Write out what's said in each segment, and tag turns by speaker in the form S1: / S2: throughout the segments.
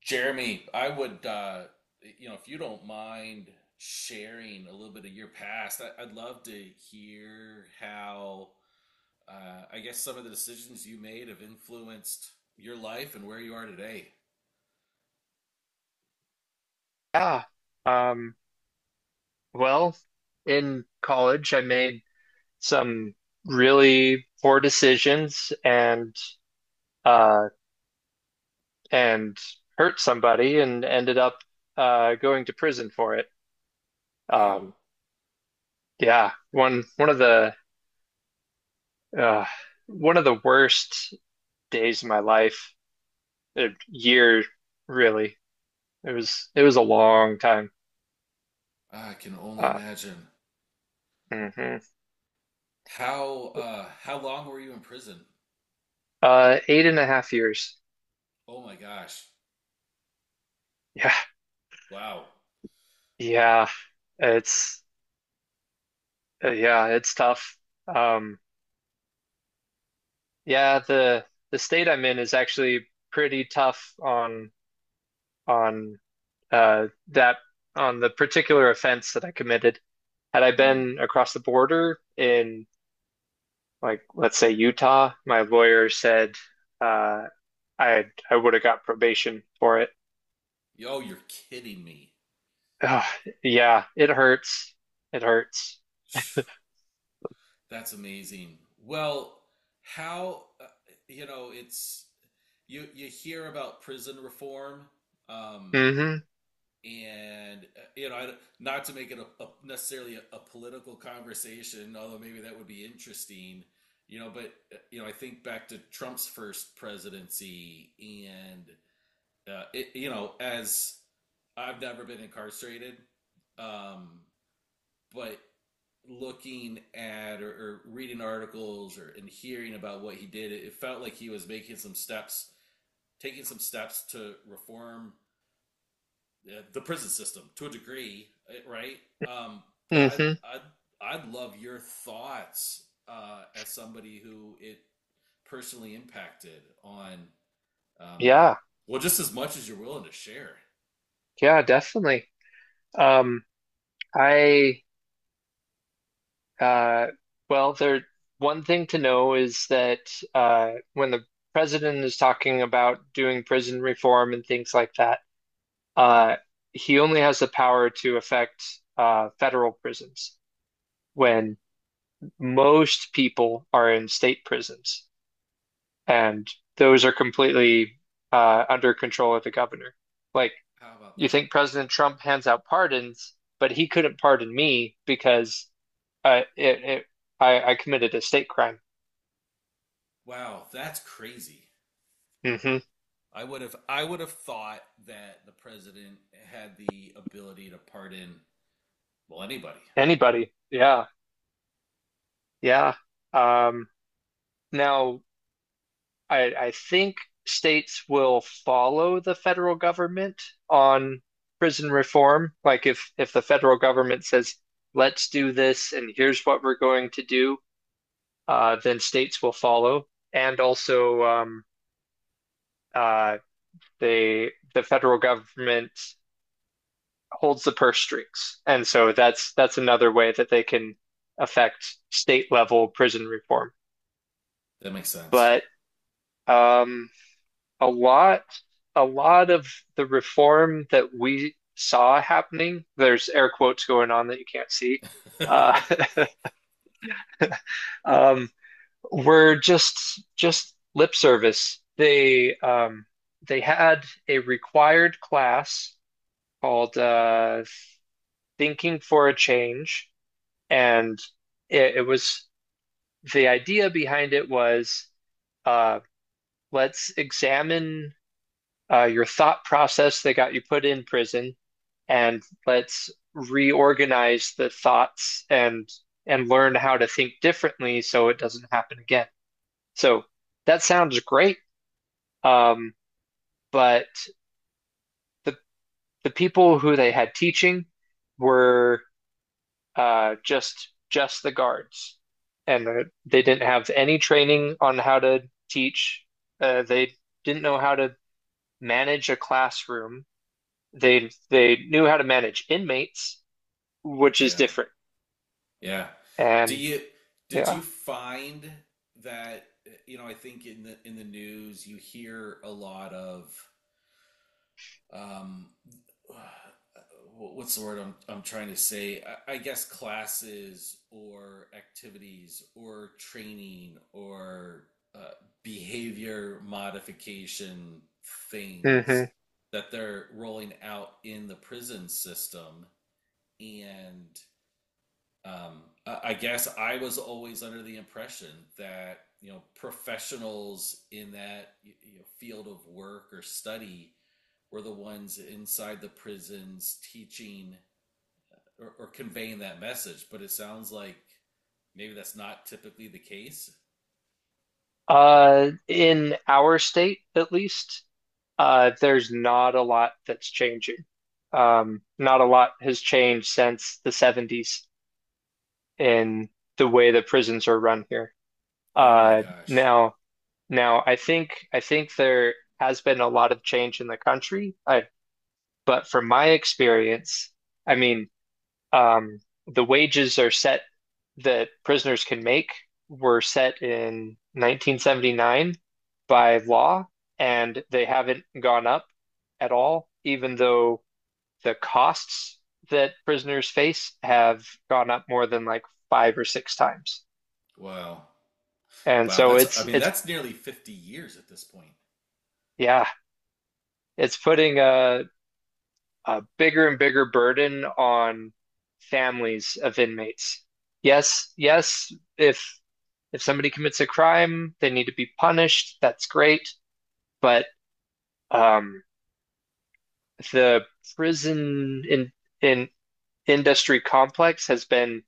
S1: Jeremy, I would, you know, if you don't mind sharing a little bit of your past, I'd love to hear how, I guess, some of the decisions you made have influenced your life and where you are today.
S2: Yeah. Um, well, in college, I made some really poor decisions uh, and hurt somebody and ended up going to prison for it.
S1: Wow,
S2: Um, yeah, uh, one of the worst days of my life, a year really. It was a long time.
S1: I can only
S2: Uh,
S1: imagine.
S2: mhm.
S1: How long were you in prison?
S2: 8.5 years.
S1: Oh my gosh!
S2: Yeah,
S1: Wow.
S2: yeah. It's Yeah, it's tough. Um, yeah, the state I'm in is actually pretty tough on uh that on the particular offense that I committed. Had I
S1: Mm.
S2: been across the border in, like, let's say, Utah, my lawyer said uh I would have got probation for it.
S1: Yo, you're kidding me.
S2: Ugh, yeah, it hurts. It hurts.
S1: Phew. That's amazing. Well, how you know it's you hear about prison reform, um,
S2: Hmm.
S1: and you know not to make it a necessarily a political conversation, although maybe that would be interesting. You know, but you know I think back to Trump's first presidency, and you know as I've never been incarcerated, um, but looking at or reading articles or and hearing about what he did, it felt like he was making some steps, taking some steps to reform the prison system to a degree, eh, right? Um, but
S2: Hmm.
S1: I'd love your thoughts as somebody who it personally impacted on um,
S2: Yeah.
S1: well just as much as you're willing to share.
S2: Yeah, definitely. Um, I Uh, well, there one thing to know is that when the president is talking about doing prison reform and things like that, uh, he only has the power to affect federal prisons
S1: Hmm.
S2: when most people are in state prisons, and those are completely under control of the governor. Like,
S1: How about
S2: you
S1: that?
S2: think President Trump hands out pardons, but he couldn't pardon me because uh, it, it, I committed a state crime.
S1: Wow, that's crazy.
S2: Hmm.
S1: I would have thought that the president had the ability to pardon well anybody.
S2: Anybody. Yeah. Yeah. Um, Now, I think states will follow the federal government on prison reform. Like, if the federal government says, let's do this and here's what we're going to do, then states will follow. And also, uh, the federal government holds the purse strings. And so that's another way that they can affect state level prison reform.
S1: That makes sense.
S2: But Um, a lot, a lot of the reform that we saw happening, there's air quotes going on that you can't see, uh, um, were just lip service. They had a required class called Thinking for a Change, and it was the idea behind it was, uh, let's examine your thought process that got you put in prison and let's reorganize the thoughts and learn how to think differently so it doesn't happen again. So that sounds great. Um, but the the people who they had teaching were just the guards, and they didn't have any training on how to teach. They didn't know how to manage a classroom. They knew how to manage inmates, which is
S1: Yeah.
S2: different.
S1: Yeah. Do
S2: And
S1: you did
S2: Yeah.
S1: you find that you know I think in the news you hear a lot of um, what's the word I'm trying to say? I guess classes or activities or training or uh, behavior modification things
S2: Hmm.
S1: that they're rolling out in the prison system. And guess I was always under the impression that, you know, professionals in that you know, field of work or study were the ones inside the prisons teaching or conveying that message. But it sounds like maybe that's not typically the case.
S2: In our state, at least, there's not a lot that's changing. Not a lot has changed since the 70s in the way that prisons are run here.
S1: Oh my
S2: Uh,
S1: gosh.
S2: now, now, I think there has been a lot of change in the country. But from my experience, I mean, um, the wages are set that prisoners can make were set in 1979 by law, and they haven't gone up at all, even though the costs that prisoners face have gone up more than, like, five or six times.
S1: Wow.
S2: And
S1: Wow.
S2: so
S1: That's, I
S2: it's
S1: mean,
S2: it's
S1: that's nearly 50 years at this point.
S2: yeah, it's putting a bigger and bigger burden on families of inmates. Yes, yes, if if somebody commits a crime, they need to be punished. That's great, but Um, the prison in industry complex has been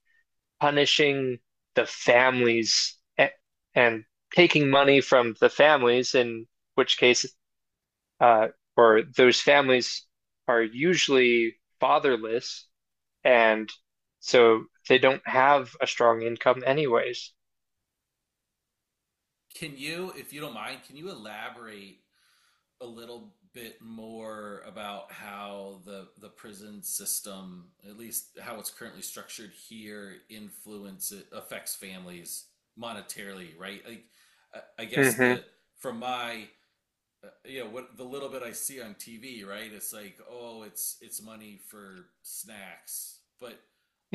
S2: punishing the families and taking money from the families, in which case, uh, or those families are usually fatherless, and so they don't have a strong income anyways.
S1: Can you, if you don't mind, can you elaborate a little bit more about how the prison system, at least how it's currently structured here, influences affects families monetarily, right? Like, I guess
S2: Hmm.
S1: the from my you know what the little bit I see on TV, right? It's like, oh, it's money for snacks, but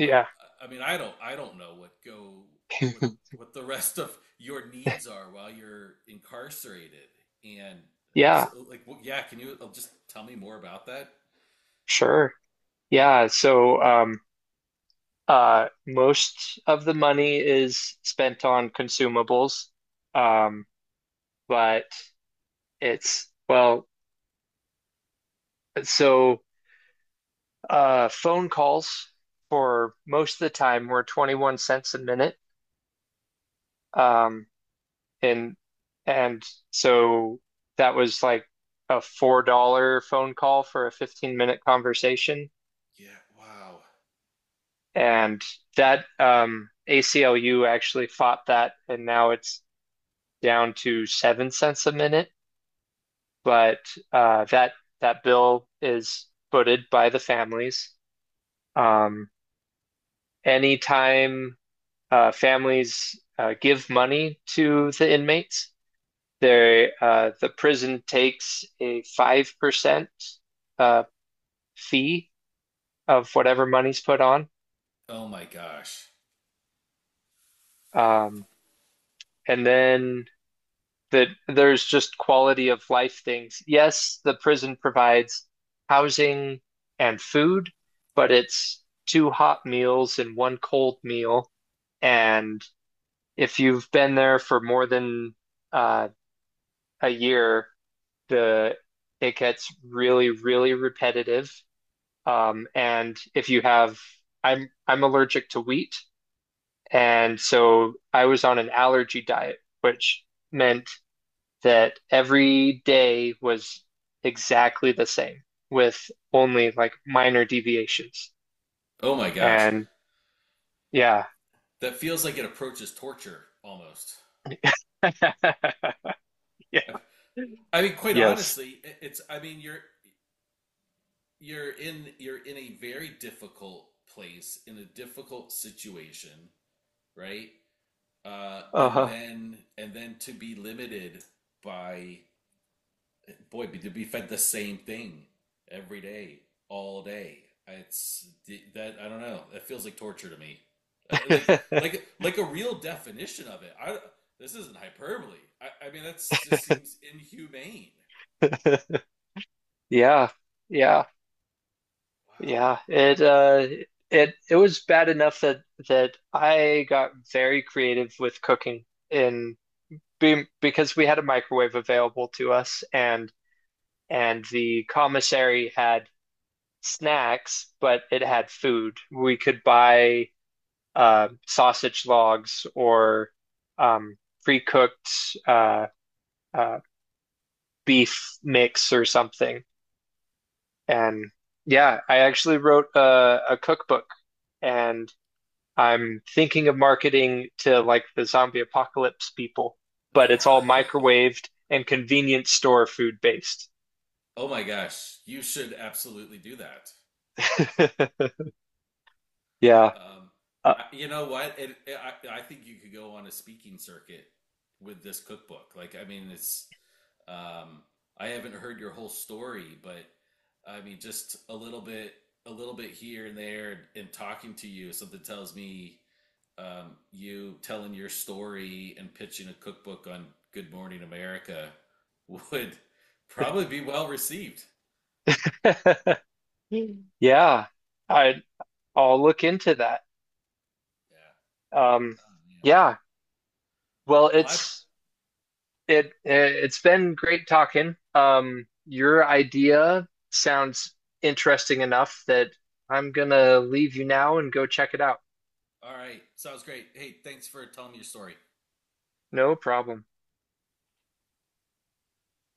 S1: uh, I mean, I don't know what go what what the rest of your needs are while you're incarcerated, and so
S2: Yeah,
S1: like, well, yeah, can you just tell me more about that?
S2: sure. Yeah, so most of the money is spent on consumables, um, but it's well, so phone calls for most of the time were 21 cents a minute, um, and and so that was like a $4 phone call for a 15-minute conversation,
S1: Yeah, wow.
S2: and that ACLU actually fought that, and now it's down to 7 cents a minute. But uh, that that bill is footed by the families. Um, Anytime families give money to the inmates, the prison takes a 5% uh, fee of whatever money's put on,
S1: Oh my gosh.
S2: um, and then that there's just quality of life things. Yes, the prison provides housing and food, but it's two hot meals and one cold meal. And if you've been there for more than uh, a year, the it gets really, really repetitive. And if you have, I'm allergic to wheat, and so I was on an allergy diet, which meant that every day was exactly the same with only, like, minor deviations.
S1: Oh my gosh.
S2: And yeah.
S1: That feels like it approaches torture almost.
S2: Yeah.
S1: I, I mean, quite
S2: Yes.
S1: honestly, it's. I mean, you're you're in a very difficult place in a difficult situation, right? And
S2: Uh-huh.
S1: then to be limited by boy, to be fed the same thing every day, all day. It's that I don't know. That feels like torture to me. Uh, like like a real definition of it. I this isn't hyperbole. I mean, that's just seems inhumane.
S2: Yeah. Yeah.
S1: Wow.
S2: Yeah. It was bad enough that I got very creative with cooking because we had a microwave available to us and the commissary had snacks, but it had food. We could buy sausage logs or um, pre-cooked uh, uh, beef mix or something. And yeah, I actually wrote a cookbook, and I'm thinking of marketing to, like, the zombie apocalypse people, but it's all microwaved and convenience store food based.
S1: Oh my gosh, you should absolutely do that.
S2: Yeah.
S1: Um,
S2: Uh,
S1: you know what? I think you could go on a speaking circuit with this cookbook. Like, I mean, um, I haven't heard your whole story, but I mean, just a little bit here and there, and talking to you, something tells me you telling your story and pitching a cookbook on Good Morning America would probably be well received.
S2: yeah. I I'll look into that.
S1: Yeah.
S2: Um,
S1: Oh, man.
S2: yeah. Well,
S1: Well, I
S2: it's been great talking. Your idea sounds interesting enough that I'm gonna leave you now and go check it out.
S1: All right. Sounds great. Hey, thanks for telling me your story.
S2: No problem.